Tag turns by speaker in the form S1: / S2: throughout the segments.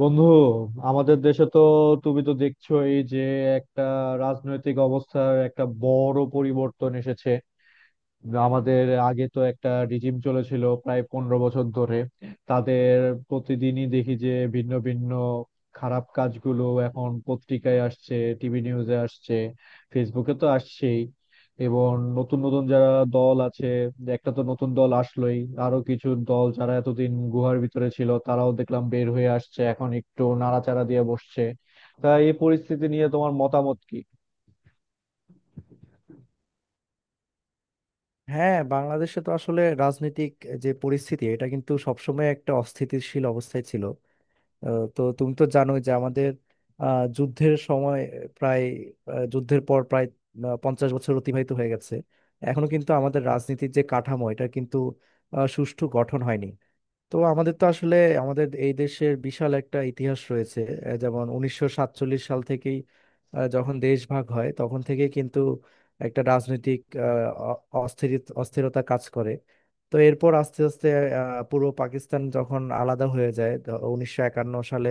S1: বন্ধু, আমাদের দেশে তো তুমি তো দেখছোই যে একটা রাজনৈতিক অবস্থার একটা বড় পরিবর্তন এসেছে। আমাদের আগে তো একটা রিজিম চলেছিল প্রায় 15 বছর ধরে। তাদের প্রতিদিনই দেখি যে ভিন্ন ভিন্ন খারাপ কাজগুলো এখন পত্রিকায় আসছে, টিভি নিউজে আসছে, ফেসবুকে তো আসছেই। এবং নতুন নতুন যারা দল আছে, একটা তো নতুন দল আসলোই, আরো কিছু দল যারা এতদিন গুহার ভিতরে ছিল তারাও দেখলাম বের হয়ে আসছে, এখন একটু নাড়াচাড়া দিয়ে বসছে। তা এই পরিস্থিতি নিয়ে তোমার মতামত কি?
S2: হ্যাঁ, বাংলাদেশে তো আসলে রাজনৈতিক যে পরিস্থিতি, এটা কিন্তু সবসময় একটা অস্থিতিশীল অবস্থায় ছিল। তো তুমি তো জানোই যে আমাদের আহ, যুদ্ধের সময় প্রায় আহ, যুদ্ধের পর প্রায় 50 বছর অতিবাহিত হয়ে গেছে। এখনো কিন্তু আমাদের রাজনীতির যে কাঠামো, এটা কিন্তু সুষ্ঠু গঠন হয়নি। তো আমাদের তো আসলে আমাদের এই দেশের বিশাল একটা ইতিহাস রয়েছে। যেমন 1947 সাল থেকেই, যখন দেশ ভাগ হয় তখন থেকে কিন্তু একটা রাজনৈতিক আহ, অ- অস্থিরিত অস্থিরতা কাজ করে। তো এরপর আস্তে আস্তে পূর্ব পাকিস্তান যখন আলাদা হয়ে যায় 1951 সালে,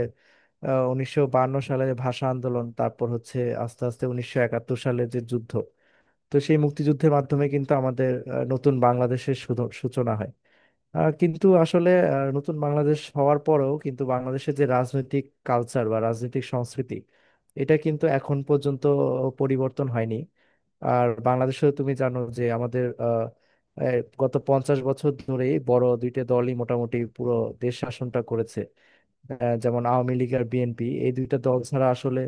S2: 1952 সালে ভাষা আন্দোলন, তারপর হচ্ছে আস্তে আস্তে 1971 সালে যে যুদ্ধ। তো সেই মুক্তিযুদ্ধের মাধ্যমে কিন্তু আমাদের নতুন বাংলাদেশের সূচনা হয়। কিন্তু আসলে নতুন বাংলাদেশ হওয়ার পরেও কিন্তু বাংলাদেশের যে রাজনৈতিক কালচার বা রাজনৈতিক সংস্কৃতি, এটা কিন্তু এখন পর্যন্ত পরিবর্তন হয়নি। আর বাংলাদেশে তুমি জানো যে আমাদের এই গত 50 বছর ধরেই বড় দুইটা দলই মোটামুটি পুরো দেশ শাসনটা করেছে। যেমন আওয়ামী লীগ আর বিএনপি, এই দুইটা দল ছাড়া আসলে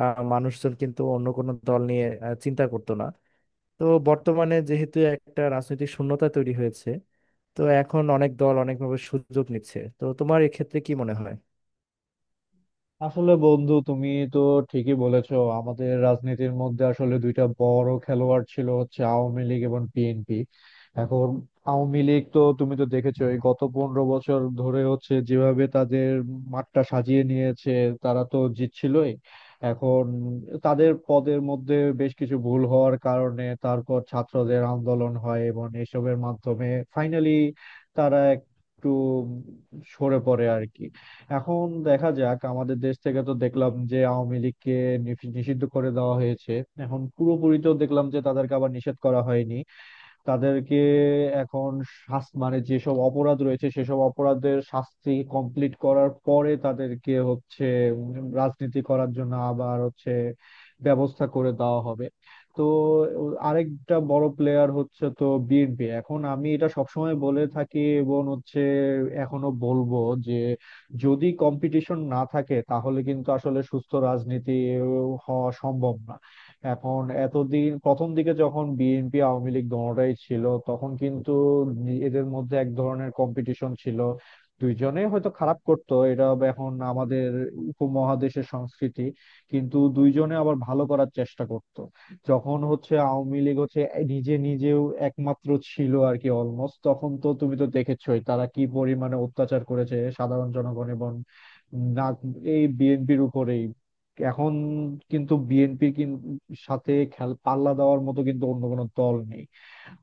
S2: মানুষজন কিন্তু অন্য কোনো দল নিয়ে চিন্তা করতো না। তো বর্তমানে যেহেতু একটা রাজনৈতিক শূন্যতা তৈরি হয়েছে, তো এখন অনেক দল অনেকভাবে সুযোগ নিচ্ছে। তো তোমার এক্ষেত্রে কি মনে হয়?
S1: আসলে বন্ধু, তুমি তো ঠিকই বলেছো, আমাদের রাজনীতির মধ্যে আসলে দুইটা বড় খেলোয়াড় ছিল হচ্ছে আওয়ামী লীগ এবং বিএনপি। এখন আওয়ামী লীগ তো তুমি তো দেখেছো এই গত 15 বছর ধরে হচ্ছে যেভাবে তাদের মাঠটা সাজিয়ে নিয়েছে, তারা তো জিতছিলই। এখন তাদের পদের মধ্যে বেশ কিছু ভুল হওয়ার কারণে তারপর ছাত্রদের আন্দোলন হয় এবং এসবের মাধ্যমে ফাইনালি তারা একটু সরে পড়ে আর কি। এখন দেখা যাক, আমাদের দেশ থেকে তো দেখলাম যে আওয়ামী লীগকে নিষিদ্ধ করে দেওয়া হয়েছে। এখন পুরোপুরি তো দেখলাম যে তাদেরকে আবার নিষেধ করা হয়নি। তাদেরকে এখন শাস্তি মানে যেসব অপরাধ রয়েছে সেসব অপরাধের শাস্তি কমপ্লিট করার পরে তাদেরকে হচ্ছে উম, রাজনীতি করার জন্য আবার হচ্ছে ব্যবস্থা করে দেওয়া হবে। তো আরেকটা বড় প্লেয়ার হচ্ছে তো বিএনপি। এখন আমি এটা সবসময় বলে থাকি এবং হচ্ছে এখনো বলবো যে যদি কম্পিটিশন না থাকে তাহলে কিন্তু আসলে সুস্থ রাজনীতি হওয়া সম্ভব না। এখন এতদিন প্রথম দিকে যখন বিএনপি আওয়ামী লীগ দোনোটাই ছিল তখন কিন্তু এদের মধ্যে এক ধরনের কম্পিটিশন ছিল, দুইজনেই হয়তো খারাপ করতো, এটা আবার এখন আমাদের উপমহাদেশের সংস্কৃতি, কিন্তু দুইজনে আবার ভালো করার চেষ্টা করত। যখন হচ্ছে আওয়ামী লীগ হচ্ছে নিজে নিজেও একমাত্র ছিল আর কি, অলমোস্ট, তখন তো তুমি তো দেখেছোই তারা কি পরিমাণে অত্যাচার করেছে সাধারণ জনগণ এবং না এই বিএনপির উপরেই। এখন কিন্তু বিএনপির সাথে খেল পাল্লা দেওয়ার মতো কিন্তু অন্য কোনো দল নেই।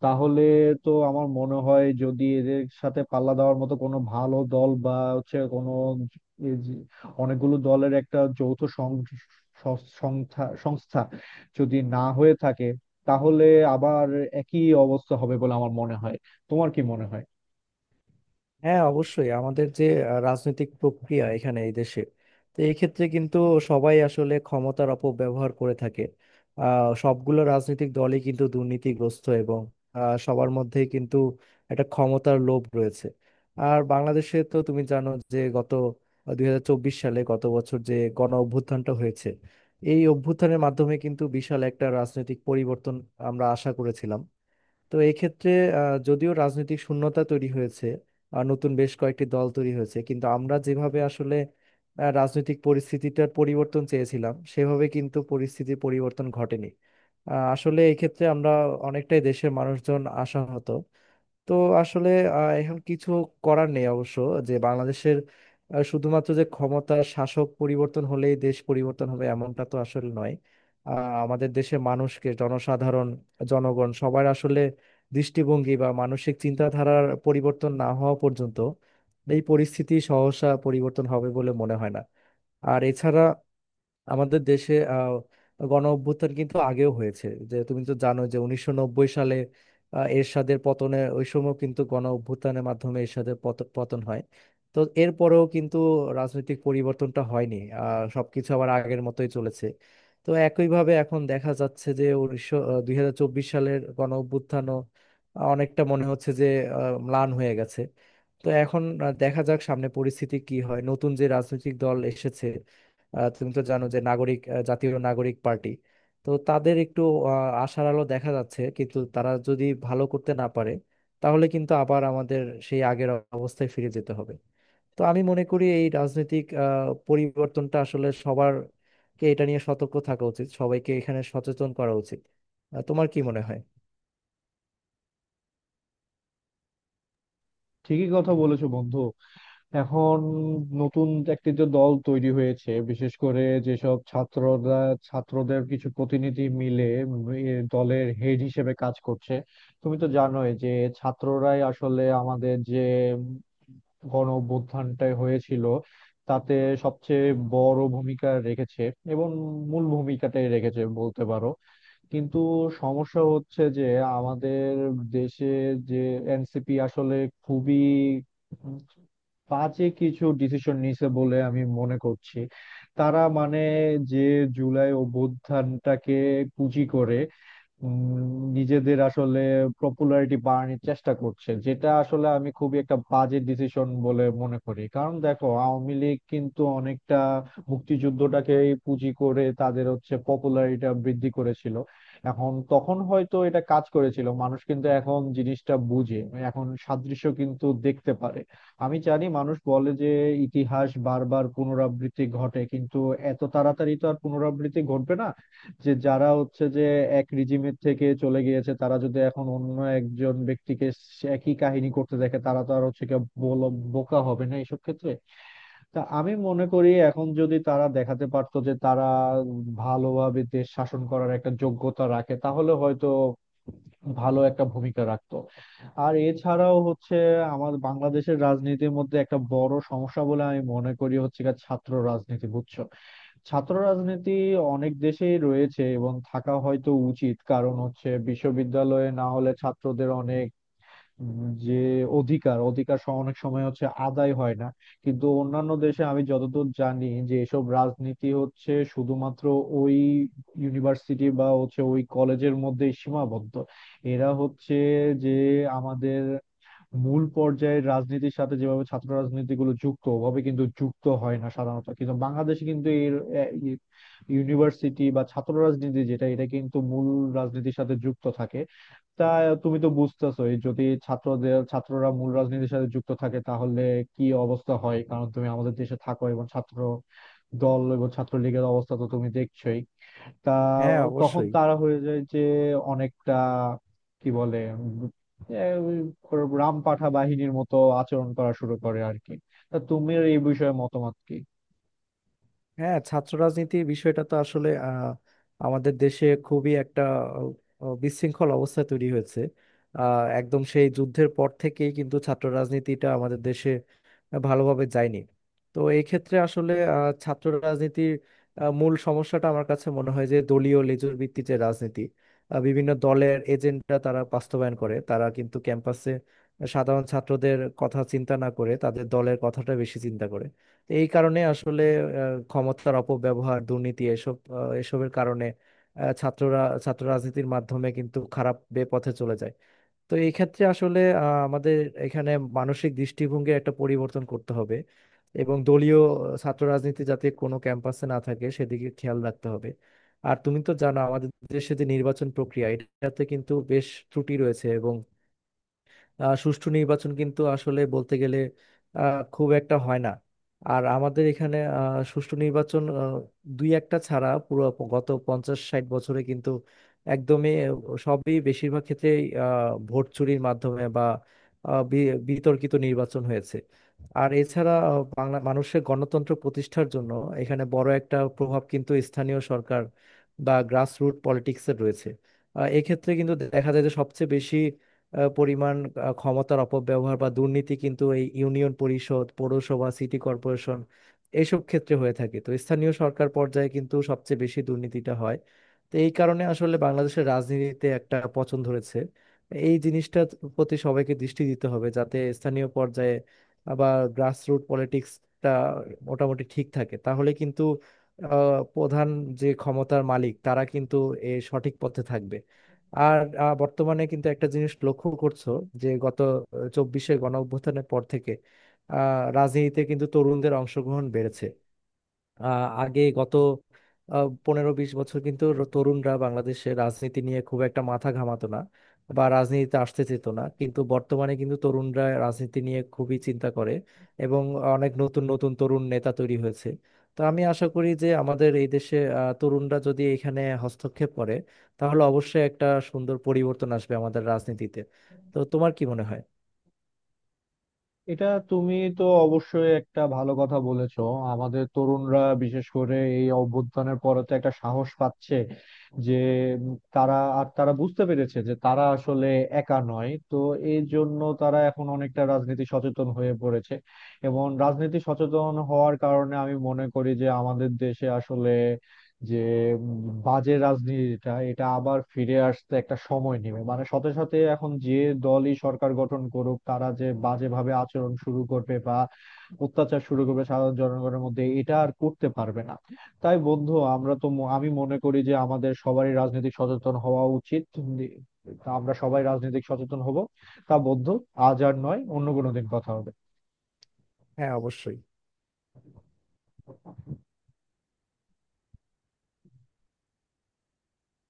S1: তাহলে তো আমার মনে হয়, যদি এদের সাথে পাল্লা দেওয়ার মতো কোনো ভালো দল বা হচ্ছে কোনো এই যে অনেকগুলো দলের একটা যৌথ সং- সং- সংস্থা সংস্থা যদি না হয়ে থাকে তাহলে আবার একই অবস্থা হবে বলে আমার মনে হয়। তোমার কি মনে হয়?
S2: হ্যাঁ, অবশ্যই। আমাদের যে রাজনৈতিক প্রক্রিয়া এখানে এই দেশে, তো এই ক্ষেত্রে কিন্তু সবাই আসলে ক্ষমতার অপব্যবহার করে থাকে। সবগুলো রাজনৈতিক দলই কিন্তু দুর্নীতিগ্রস্ত, এবং সবার মধ্যেই কিন্তু একটা ক্ষমতার লোভ রয়েছে। আর বাংলাদেশে তো তুমি জানো যে গত 2024 সালে, গত বছর যে গণ অভ্যুত্থানটা হয়েছে, এই অভ্যুত্থানের মাধ্যমে কিন্তু বিশাল একটা রাজনৈতিক পরিবর্তন আমরা আশা করেছিলাম। তো এক্ষেত্রে যদিও রাজনৈতিক শূন্যতা তৈরি হয়েছে আর নতুন বেশ কয়েকটি দল তৈরি হয়েছে, কিন্তু আমরা যেভাবে আসলে রাজনৈতিক পরিস্থিতিটার পরিবর্তন চেয়েছিলাম, সেভাবে কিন্তু পরিস্থিতির পরিবর্তন ঘটেনি। আসলে এক্ষেত্রে আমরা অনেকটাই, দেশের মানুষজন আশাহত। তো আসলে এখন কিছু করার নেই অবশ্য, যে বাংলাদেশের শুধুমাত্র যে ক্ষমতা শাসক পরিবর্তন হলেই দেশ পরিবর্তন হবে এমনটা তো আসলে নয়। আহ, আমাদের দেশের মানুষকে, জনসাধারণ, জনগণ, সবার আসলে দৃষ্টিভঙ্গি বা মানসিক চিন্তাধারার পরিবর্তন না হওয়া পর্যন্ত এই পরিস্থিতি সহসা পরিবর্তন হবে বলে মনে হয় না। আর এছাড়া আমাদের দেশে গণ অভ্যুত্থান কিন্তু আগেও হয়েছে। যে তুমি তো জানো যে 1990 সালে এরশাদের পতনে, ওই সময় কিন্তু গণ অভ্যুত্থানের মাধ্যমে এরশাদের পতন হয়। তো এরপরেও কিন্তু রাজনৈতিক পরিবর্তনটা হয়নি, সবকিছু আবার আগের মতোই চলেছে। তো একইভাবে এখন দেখা যাচ্ছে যে 2024 সালের গণ অভ্যুত্থানও অনেকটা মনে হচ্ছে যে ম্লান হয়ে গেছে। তো এখন দেখা যাক সামনে পরিস্থিতি কি হয়। নতুন যে রাজনৈতিক দল এসেছে, তুমি তো জানো যে জাতীয় নাগরিক পার্টি, তো তাদের একটু আশার আলো দেখা যাচ্ছে, কিন্তু তারা যদি ভালো করতে না পারে, তাহলে কিন্তু আবার আমাদের সেই আগের অবস্থায় ফিরে যেতে হবে। তো আমি মনে করি এই রাজনৈতিক পরিবর্তনটা আসলে সবারকে এটা নিয়ে সতর্ক থাকা উচিত, সবাইকে এখানে সচেতন করা উচিত। তোমার কি মনে হয়?
S1: ঠিকই কথা বলেছো বন্ধু। এখন নতুন একটি যে দল তৈরি হয়েছে, বিশেষ করে যেসব ছাত্ররা, ছাত্রদের কিছু প্রতিনিধি মিলে এ দলের হেড হিসেবে কাজ করছে। তুমি তো জানোই যে ছাত্ররাই আসলে আমাদের যে গণ অভ্যুত্থানটা হয়েছিল তাতে সবচেয়ে বড় ভূমিকা রেখেছে এবং মূল ভূমিকাটাই রেখেছে বলতে পারো। কিন্তু সমস্যা হচ্ছে যে আমাদের দেশে যে এনসিপি আসলে খুবই উম বাজে কিছু ডিসিশন নিছে বলে আমি মনে করছি। তারা মানে যে জুলাই অভ্যুত্থানটাকে পুঁজি করে উম, নিজেদের আসলে পপুলারিটি বাড়ানোর চেষ্টা করছে, যেটা আসলে আমি খুবই একটা বাজে ডিসিশন বলে মনে করি। কারণ দেখো, আওয়ামী লীগ কিন্তু অনেকটা মুক্তিযুদ্ধটাকে পুঁজি করে তাদের হচ্ছে পপুলারিটিটা বৃদ্ধি করেছিল। এখন তখন হয়তো এটা কাজ করেছিল, মানুষ কিন্তু এখন জিনিসটা বুঝে, এখন সাদৃশ্য কিন্তু দেখতে পারে। আমি জানি মানুষ বলে যে ইতিহাস বারবার পুনরাবৃত্তি ঘটে, কিন্তু এত তাড়াতাড়ি তো আর পুনরাবৃত্তি ঘটবে না। যে যারা হচ্ছে যে এক রিজিমের থেকে চলে গিয়েছে তারা যদি এখন অন্য একজন ব্যক্তিকে একই কাহিনী করতে দেখে, তারা তো আর হচ্ছে কি বোকা হবে না এসব ক্ষেত্রে। তা আমি মনে করি এখন যদি তারা দেখাতে পারতো যে তারা ভালোভাবে দেশ শাসন করার একটা যোগ্যতা রাখে তাহলে হয়তো ভালো একটা ভূমিকা রাখতো। আর এছাড়াও হচ্ছে আমার বাংলাদেশের রাজনীতির মধ্যে একটা বড় সমস্যা বলে আমি মনে করি হচ্ছে গিয়ে ছাত্র রাজনীতি, বুঝছো? ছাত্র রাজনীতি অনেক দেশেই রয়েছে এবং থাকা হয়তো উচিত, কারণ হচ্ছে বিশ্ববিদ্যালয়ে না হলে ছাত্রদের অনেক যে অধিকার অধিকার অনেক সময় হচ্ছে আদায় হয় না। কিন্তু অন্যান্য দেশে আমি যতদূর জানি যে এসব রাজনীতি হচ্ছে শুধুমাত্র ওই ইউনিভার্সিটি বা হচ্ছে ওই কলেজের মধ্যেই সীমাবদ্ধ। এরা হচ্ছে যে আমাদের মূল পর্যায়ের রাজনীতির সাথে যেভাবে ছাত্র রাজনীতিগুলো যুক্ত, ওভাবে কিন্তু যুক্ত হয় না সাধারণত, কিন্তু বাংলাদেশে কিন্তু এর ইউনিভার্সিটি বা ছাত্র রাজনীতি যেটা এটা কিন্তু মূল রাজনীতির সাথে যুক্ত থাকে। তা তুমি তো বুঝতেছোই যদি ছাত্রদের ছাত্ররা মূল রাজনীতির সাথে যুক্ত থাকে তাহলে কি অবস্থা হয়, কারণ তুমি আমাদের দেশে থাকো এবং ছাত্র দল এবং ছাত্রলীগের অবস্থা তো তুমি দেখছোই। তা
S2: হ্যাঁ,
S1: তখন
S2: অবশ্যই।
S1: তারা হয়ে যায় যে অনেকটা কি বলে উম, এ, ওই রামপাঠা বাহিনীর মতো আচরণ করা শুরু করে আর কি। তা তুমি এই বিষয়ে মতামত কি?
S2: হ্যাঁ, ছাত্র রাজনীতি বিষয়টা তো আসলে আমাদের দেশে খুবই একটা বিশৃঙ্খল অবস্থা তৈরি হয়েছে। একদম সেই যুদ্ধের পর থেকেই কিন্তু ছাত্র রাজনীতিটা আমাদের দেশে ভালোভাবে যায়নি। তো এই ক্ষেত্রে আসলে ছাত্র রাজনীতির মূল সমস্যাটা আমার কাছে মনে হয় যে দলীয় লেজুর ভিত্তিক যে রাজনীতি, বিভিন্ন দলের এজেন্ডা তারা বাস্তবায়ন করে। তারা কিন্তু ক্যাম্পাসে সাধারণ ছাত্রদের কথা চিন্তা না করে তাদের দলের কথাটা বেশি চিন্তা করে। তো এই কারণে আসলে ক্ষমতার অপব্যবহার, দুর্নীতি, এসব এসবের কারণে আহ, ছাত্ররা ছাত্র রাজনীতির মাধ্যমে কিন্তু খারাপ বে পথে চলে যায়। তো এই ক্ষেত্রে আসলে আমাদের এখানে মানসিক দৃষ্টিভঙ্গির একটা পরিবর্তন করতে হবে, এবং দলীয় ছাত্র রাজনীতি যাতে কোনো ক্যাম্পাসে না থাকে সেদিকে খেয়াল রাখতে হবে। আর তুমি তো জানো আমাদের দেশে যে নির্বাচন প্রক্রিয়া, এটাতে কিন্তু বেশ ত্রুটি রয়েছে, এবং সুষ্ঠু নির্বাচন কিন্তু আসলে বলতে গেলে খুব একটা হয় না। আর আমাদের এখানে সুষ্ঠু নির্বাচন দুই একটা ছাড়া পুরো গত 50-60 বছরে কিন্তু একদমই আহ, সবই বেশিরভাগ ক্ষেত্রেই ভোট চুরির মাধ্যমে বা বিতর্কিত নির্বাচন হয়েছে। আর এছাড়া বাংলা মানুষের গণতন্ত্র প্রতিষ্ঠার জন্য এখানে বড় একটা প্রভাব কিন্তু স্থানীয় সরকার বা গ্রাসরুট পলিটিক্সের রয়েছে। এক্ষেত্রে কিন্তু দেখা যায় যে সবচেয়ে বেশি পরিমাণ ক্ষমতার অপব্যবহার বা দুর্নীতি কিন্তু এই ইউনিয়ন পরিষদ, পৌরসভা, সিটি কর্পোরেশন, এইসব ক্ষেত্রে হয়ে থাকে। তো স্থানীয় সরকার পর্যায়ে কিন্তু সবচেয়ে বেশি দুর্নীতিটা হয়। তো এই কারণে আসলে বাংলাদেশের রাজনীতিতে একটা পচন ধরেছে। এই জিনিসটার প্রতি সবাইকে দৃষ্টি দিতে হবে, যাতে স্থানীয় পর্যায়ে আবার গ্রাসরুট পলিটিক্সটা মোটামুটি ঠিক থাকে, তাহলে কিন্তু প্রধান যে ক্ষমতার মালিক, তারা কিন্তু এ সঠিক পথে থাকবে। আর বর্তমানে কিন্তু একটা জিনিস লক্ষ্য করছো, যে গত চব্বিশে গণ অভ্যুত্থানের পর থেকে আহ, রাজনীতিতে কিন্তু তরুণদের অংশগ্রহণ বেড়েছে। আগে গত 15-20 বছর কিন্তু তরুণরা বাংলাদেশে রাজনীতি নিয়ে খুব একটা মাথা ঘামাতো না বা রাজনীতিতে আসতে চেত না, কিন্তু বর্তমানে কিন্তু তরুণরা রাজনীতি নিয়ে খুবই চিন্তা করে, এবং অনেক নতুন নতুন তরুণ নেতা তৈরি হয়েছে। তো আমি আশা করি যে আমাদের এই দেশে তরুণরা যদি এখানে হস্তক্ষেপ করে, তাহলে অবশ্যই একটা সুন্দর পরিবর্তন আসবে আমাদের রাজনীতিতে। তো তোমার কি মনে হয়?
S1: এটা তুমি তো অবশ্যই একটা ভালো কথা বলেছো। আমাদের তরুণরা বিশেষ করে এই অভ্যুত্থানের পরে তো একটা সাহস পাচ্ছে যে তারা আর তারা বুঝতে পেরেছে যে তারা আসলে একা নয়। তো এই জন্য তারা এখন অনেকটা রাজনীতি সচেতন হয়ে পড়েছে। এবং রাজনীতি সচেতন হওয়ার কারণে আমি মনে করি যে আমাদের দেশে আসলে যে উম, বাজে রাজনীতিটা এটা আবার ফিরে আসতে একটা সময় নেবে, মানে সাথে সাথে এখন যে দলই সরকার গঠন করুক তারা যে বাজেভাবে আচরণ শুরু করবে বা অত্যাচার শুরু করবে সাধারণ জনগণের মধ্যে এটা আর করতে পারবে না। তাই বন্ধু, আমরা তো আমি মনে করি যে আমাদের সবারই রাজনৈতিক সচেতন হওয়া উচিত। তা আমরা সবাই রাজনৈতিক সচেতন হব। তা বন্ধু, আজ আর নয়, অন্য কোনো দিন কথা হবে।
S2: হ্যাঁ, অবশ্যই।